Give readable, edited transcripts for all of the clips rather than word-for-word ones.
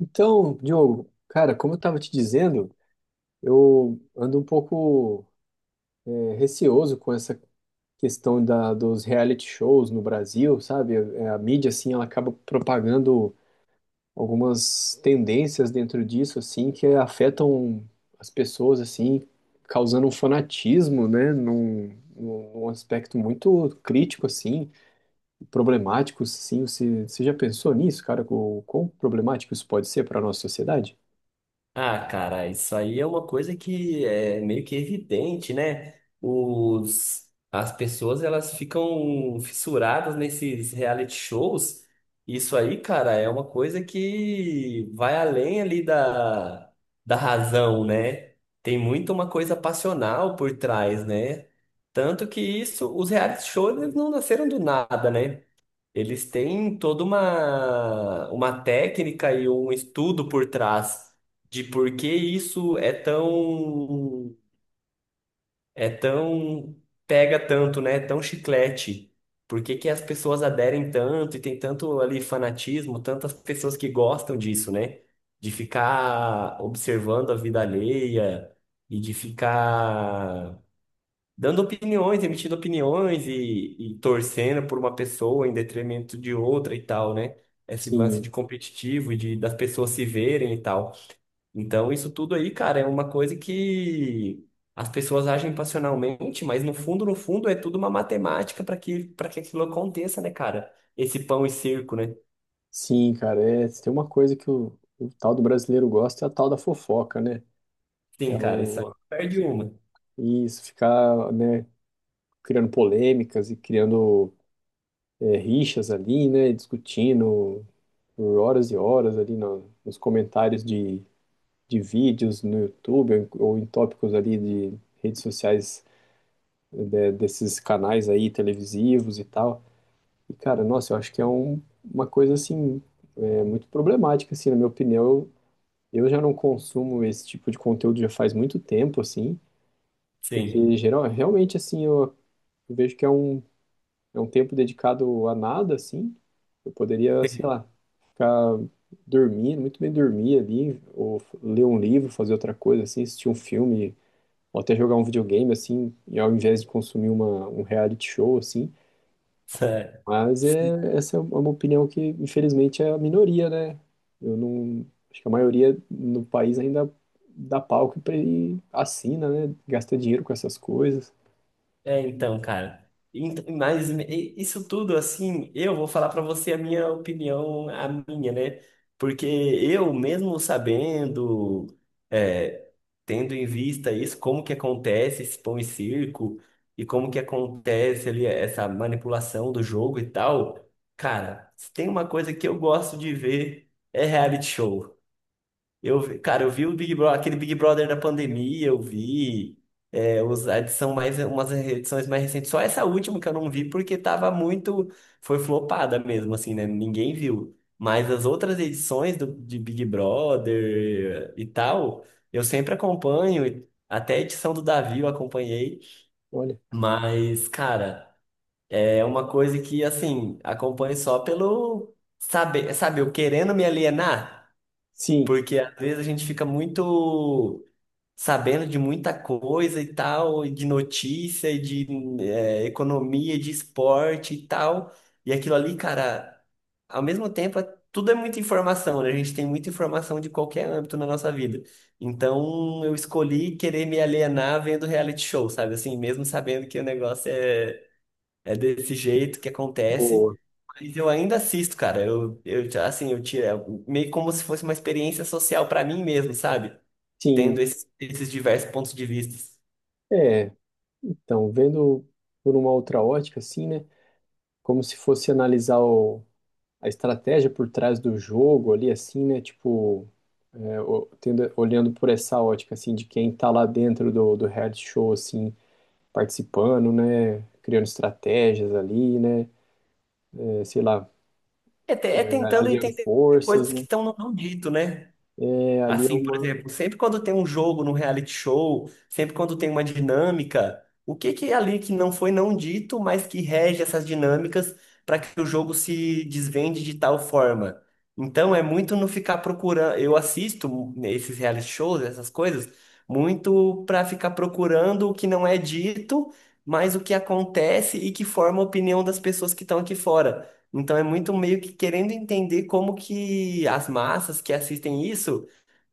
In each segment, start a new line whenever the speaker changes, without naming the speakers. Então, Diogo, cara, como eu estava te dizendo, eu ando um pouco receoso com essa questão dos reality shows no Brasil, sabe? A mídia, assim, ela acaba propagando algumas tendências dentro disso, assim, que afetam as pessoas, assim, causando um fanatismo, né? Num aspecto muito crítico, assim, problemático, assim. Você já pensou nisso, cara? O quão problemático isso pode ser para a nossa sociedade?
Ah, cara, isso aí é uma coisa que é meio que evidente, né? As pessoas elas ficam fissuradas nesses reality shows. Isso aí, cara, é uma coisa que vai além ali da razão, né? Tem muito uma coisa passional por trás, né? Tanto que isso, os reality shows eles não nasceram do nada, né? Eles têm toda uma técnica e um estudo por trás de por que isso é tão, é tão, pega tanto, né? É tão chiclete. Por que que as pessoas aderem tanto e tem tanto ali fanatismo, tantas pessoas que gostam disso, né? De ficar observando a vida alheia e de ficar dando opiniões, emitindo opiniões e torcendo por uma pessoa em detrimento de outra e tal, né? Esse lance
Sim.
de competitivo e de, das pessoas se verem e tal. Então, isso tudo aí, cara, é uma coisa que as pessoas agem passionalmente, mas no fundo, no fundo, é tudo uma matemática para que aquilo aconteça, né, cara? Esse pão e circo, né?
Sim, cara, é, tem uma coisa que o tal do brasileiro gosta, é a tal da fofoca, né? É
Sim, cara, isso aí
o,
perde uma.
isso, ficar, né, criando polêmicas e criando rixas ali, né, discutindo por horas e horas ali nos comentários de vídeos no YouTube ou em tópicos ali de redes sociais, né, desses canais aí televisivos e tal. E, cara, nossa, eu acho que é uma coisa, assim, muito problemática, assim, na minha opinião. Eu já não consumo esse tipo de conteúdo já faz muito tempo, assim,
Sim.
porque geral, realmente, assim, eu vejo que é é um tempo dedicado a nada, assim. Eu poderia, sei lá, ficar dormindo, muito bem dormir ali, ou ler um livro, fazer outra coisa, assim, assistir um filme, ou até jogar um videogame, assim, e ao invés de consumir um reality show, assim.
Sério.
Mas é, essa é uma opinião que, infelizmente, é a minoria, né? Eu não. Acho que a maioria no país ainda e assina, né? Gasta dinheiro com essas coisas.
É, então, cara. Mas isso tudo, assim, eu vou falar pra você a minha opinião, a minha, né? Porque eu, mesmo sabendo, é, tendo em vista isso, como que acontece esse pão e circo, e como que acontece ali essa manipulação do jogo e tal, cara, se tem uma coisa que eu gosto de ver é reality show. Cara, eu vi o Big Brother, aquele Big Brother da pandemia, eu vi. É, os, a edição mais, umas edições mais recentes. Só essa última que eu não vi, porque tava muito. Foi flopada mesmo, assim, né? Ninguém viu. Mas as outras edições do, de Big Brother e tal, eu sempre acompanho. E até a edição do Davi eu acompanhei.
Olha.
Mas, cara, é uma coisa que, assim, acompanho só pelo saber, sabe, eu querendo me alienar.
Sim,
Porque às vezes a gente fica muito sabendo de muita coisa e tal, e de notícia, e de economia, e de esporte e tal. E aquilo ali, cara, ao mesmo tempo, tudo é muita informação, né? A gente tem muita informação de qualquer âmbito na nossa vida. Então eu escolhi querer me alienar vendo reality show, sabe? Assim, mesmo sabendo que o negócio é desse jeito que acontece.
boa.
Mas eu ainda assisto, cara. Eu já, assim, eu tiro, é meio como se fosse uma experiência social pra mim mesmo, sabe?
Sim.
Tendo esses diversos pontos de vista.
É, então, vendo por uma outra ótica, assim, né? Como se fosse analisar a estratégia por trás do jogo ali, assim, né? Tipo, olhando por essa ótica, assim, de quem tá lá dentro do reality show, assim, participando, né? Criando estratégias ali, né? É, sei lá,
É, é tentando
aliando
entender
forças,
coisas que
né?
estão no não dito, né?
É, ali é
Assim, por
uma.
exemplo, sempre quando tem um jogo no reality show, sempre quando tem uma dinâmica, o que que é ali que não foi não dito, mas que rege essas dinâmicas para que o jogo se desvende de tal forma? Então é muito não ficar procurando. Eu assisto esses reality shows, essas coisas, muito para ficar procurando o que não é dito, mas o que acontece e que forma a opinião das pessoas que estão aqui fora. Então é muito meio que querendo entender como que as massas que assistem isso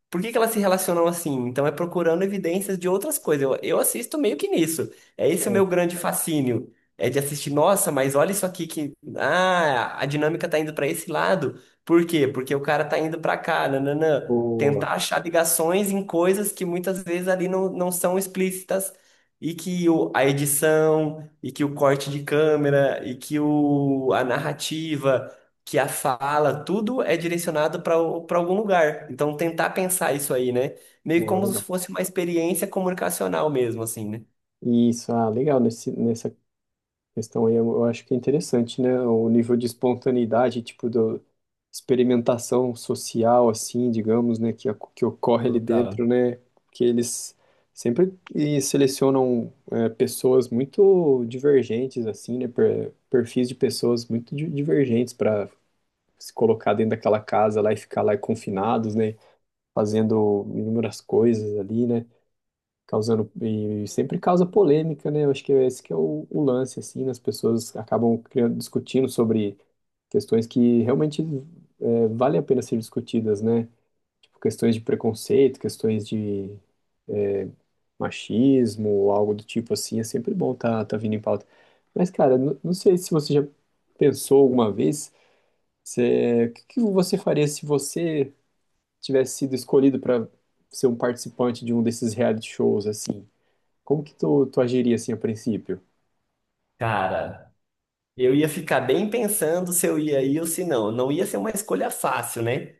por que que elas se relacionam assim? Então é procurando evidências de outras coisas. Eu assisto meio que nisso. É esse o meu
Certo,
grande fascínio. É de assistir, nossa, mas olha isso aqui que. Ah, a dinâmica tá indo para esse lado. Por quê? Porque o cara tá indo para cá, nananã.
boa.
Tentar achar ligações em coisas que muitas vezes ali não são explícitas e que o, a edição, e que o corte de câmera, e que o, a narrativa que a fala, tudo é direcionado para algum lugar. Então, tentar pensar isso aí, né? Meio
Ah,
como se
legal.
fosse uma experiência comunicacional mesmo, assim, né?
Isso, ah, legal. Nessa questão aí, eu acho que é interessante, né? O nível de espontaneidade, tipo, do experimentação social, assim, digamos, né? Que ocorre ali
Total.
dentro, né? Que eles sempre selecionam, é, pessoas muito divergentes, assim, né? Perfis de pessoas muito divergentes para se colocar dentro daquela casa lá e ficar lá confinados, né? Fazendo inúmeras coisas ali, né? Causando, e sempre causa polêmica, né? Eu acho que é esse que é o lance, assim, né? As pessoas acabam criando, discutindo sobre questões que realmente, é, vale a pena ser discutidas, né? Tipo, questões de preconceito, questões de machismo, ou algo do tipo assim, é sempre bom tá vindo em pauta. Mas, cara, não sei se você já pensou alguma vez, se, o que que você faria se você tivesse sido escolhido para ser um participante de um desses reality shows, assim, como que tu agiria, assim, a princípio?
Cara, eu ia ficar bem pensando se eu ia ir ou se não. Não ia ser uma escolha fácil, né?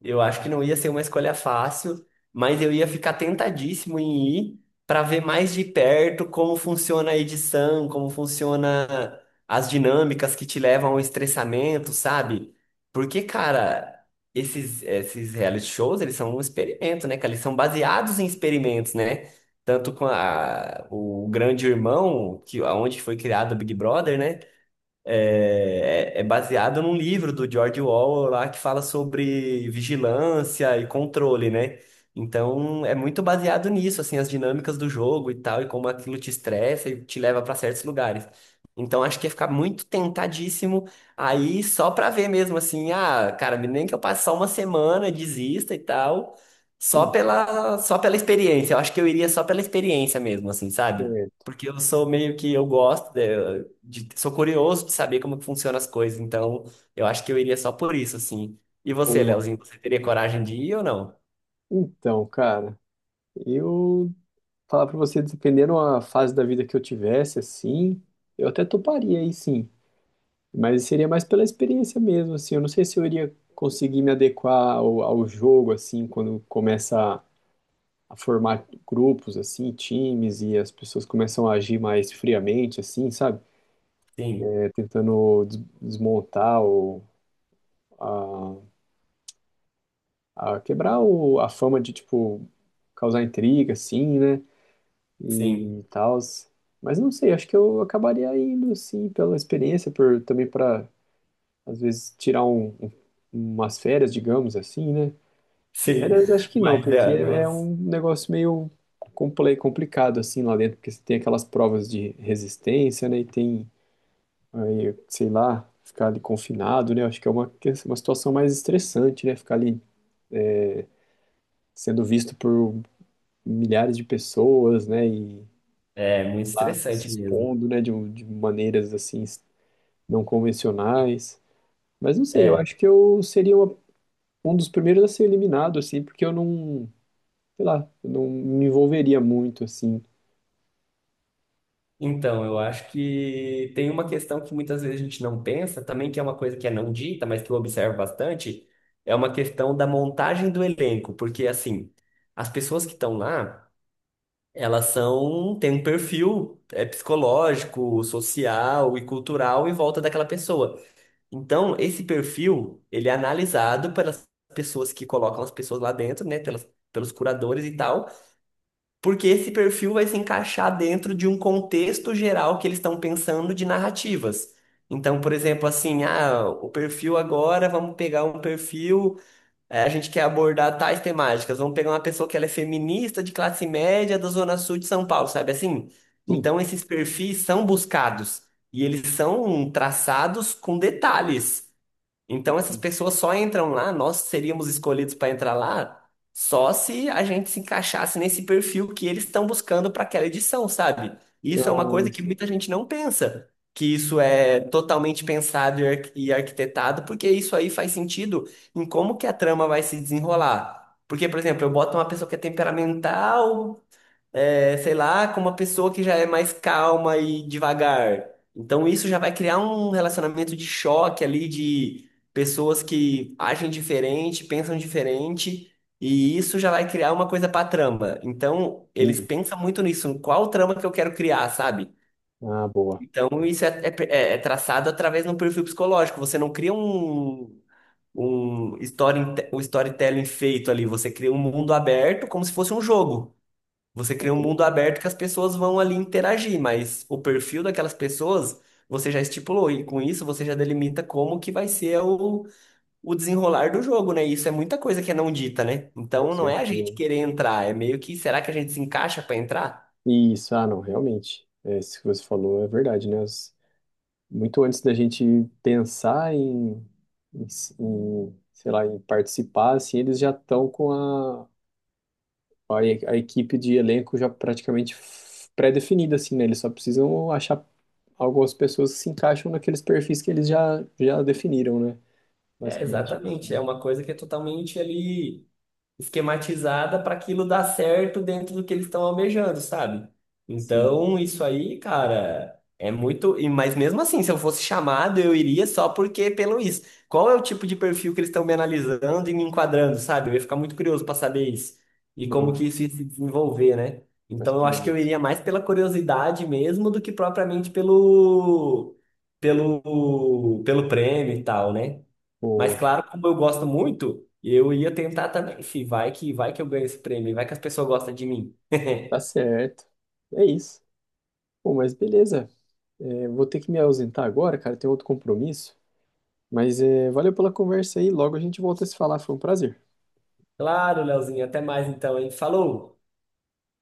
Eu acho que não ia ser uma escolha fácil, mas eu ia ficar tentadíssimo em ir para ver mais de perto como funciona a edição, como funciona as dinâmicas que te levam ao estressamento, sabe? Porque, cara, esses reality shows, eles são um experimento, né, cara? Eles são baseados em experimentos, né? Tanto com a, o Grande Irmão, que aonde foi criado o Big Brother, né? É baseado num livro do George Orwell lá que fala sobre vigilância e controle, né? Então é muito baseado nisso, assim, as dinâmicas do jogo e tal, e como aquilo te estressa e te leva para certos lugares. Então acho que ia ficar muito tentadíssimo aí só pra ver mesmo, assim, ah, cara, nem que eu passe só uma semana, desista e tal,
Sim,
só pela experiência. Eu acho que eu iria só pela experiência mesmo, assim, sabe?
é,
Porque eu sou meio que eu gosto de, sou curioso de saber como que funcionam as coisas, então eu acho que eu iria só por isso, assim. E você,
boa.
Leozinho, você teria coragem de ir ou não?
Então, cara, eu falar pra você, dependendo a fase da vida que eu tivesse, assim, eu até toparia aí, sim. Mas seria mais pela experiência mesmo, assim. Eu não sei se eu iria conseguir me adequar ao jogo, assim, quando começa a formar grupos, assim, times, e as pessoas começam a agir mais friamente, assim, sabe?
Sim,
Tentando desmontar ou a, a quebrar a fama de, tipo, causar intriga, assim, né?
sim,
E tal. Mas não sei, acho que eu acabaria indo, assim, pela experiência, por também para, às vezes, tirar umas férias, digamos assim, né?
sim.
Férias acho que não,
Mas
porque
é,
é
nossa,
um negócio meio complicado, assim, lá dentro, porque você tem aquelas provas de resistência, né? E tem. Aí, sei lá, ficar ali confinado, né? Acho que é uma situação mais estressante, né? Ficar ali sendo visto por milhares de pessoas, né? E
é muito
lá se
estressante mesmo.
expondo, né? De maneiras assim não convencionais. Mas não sei, eu
É.
acho que eu seria um dos primeiros a ser eliminado, assim, porque eu não, sei lá, eu não me envolveria muito, assim.
Então, eu acho que tem uma questão que muitas vezes a gente não pensa, também que é uma coisa que é não dita, mas que eu observo bastante, é uma questão da montagem do elenco, porque assim, as pessoas que estão lá elas são, têm um perfil psicológico, social e cultural em volta daquela pessoa. Então, esse perfil, ele é analisado pelas pessoas que colocam as pessoas lá dentro, né, pelos curadores e tal, porque esse perfil vai se encaixar dentro de um contexto geral que eles estão pensando de narrativas. Então, por exemplo, assim, ah, o perfil agora, vamos pegar um perfil a gente quer abordar tais temáticas. Vamos pegar uma pessoa que ela é feminista de classe média da Zona Sul de São Paulo, sabe assim?
Sim.
Então, esses perfis são buscados e eles são traçados com detalhes. Então essas pessoas só entram lá, nós seríamos escolhidos para entrar lá só se a gente se encaixasse nesse perfil que eles estão buscando para aquela edição, sabe? Isso é uma
Ah,
coisa que muita gente não pensa, que isso é totalmente pensado e arquitetado, porque isso aí faz sentido em como que a trama vai se desenrolar. Porque, por exemplo, eu boto uma pessoa que é temperamental, sei lá, com uma pessoa que já é mais calma e devagar. Então isso já vai criar um relacionamento de choque ali de pessoas que agem diferente, pensam diferente, e isso já vai criar uma coisa para trama. Então eles
entendi.
pensam muito nisso, qual trama que eu quero criar, sabe?
Ah, boa.
Então isso é, é- É traçado através de um perfil psicológico. Você não cria um story, um storytelling feito ali, você cria um mundo aberto como se fosse um jogo. Você cria um mundo
Entendi,
aberto que as pessoas vão ali interagir, mas o perfil daquelas pessoas você já estipulou, e com isso você já delimita como que vai ser o desenrolar do jogo, né? E isso é muita coisa que é não dita, né?
com
Então não é a gente
certeza.
querer entrar, é meio que será que a gente se encaixa para entrar?
Isso, ah, não, realmente. É, isso que você falou é verdade, né? As- muito antes da gente pensar em, em sei lá, em participar, assim, eles já estão com a equipe de elenco já praticamente pré-definida, assim, né? Eles só precisam achar algumas pessoas que se encaixam naqueles perfis que eles já definiram, né?
É,
Basicamente isso,
exatamente,
né?
é uma coisa que é totalmente ali esquematizada para aquilo dar certo dentro do que eles estão almejando, sabe?
Sim,
Então, isso aí, cara, é muito. Mas mesmo assim, se eu fosse chamado, eu iria só porque pelo isso. Qual é o tipo de perfil que eles estão me analisando e me enquadrando, sabe? Eu ia ficar muito curioso para saber isso. E como
boa,
que isso ia se desenvolver, né?
uma
Então, eu acho que eu
experiência.
iria mais pela curiosidade mesmo do que propriamente pelo. Pelo prêmio e tal, né? Mas
Boa,
claro, como eu gosto muito, eu ia tentar também. Se vai que Vai que eu ganho esse prêmio, vai que as pessoas gostam de mim.
tá certo. É isso. Bom, mas beleza. É, vou ter que me ausentar agora, cara, tem outro compromisso. Mas é, valeu pela conversa aí. Logo a gente volta a se falar. Foi um prazer.
Claro, Leozinho, até mais então, hein? Falou!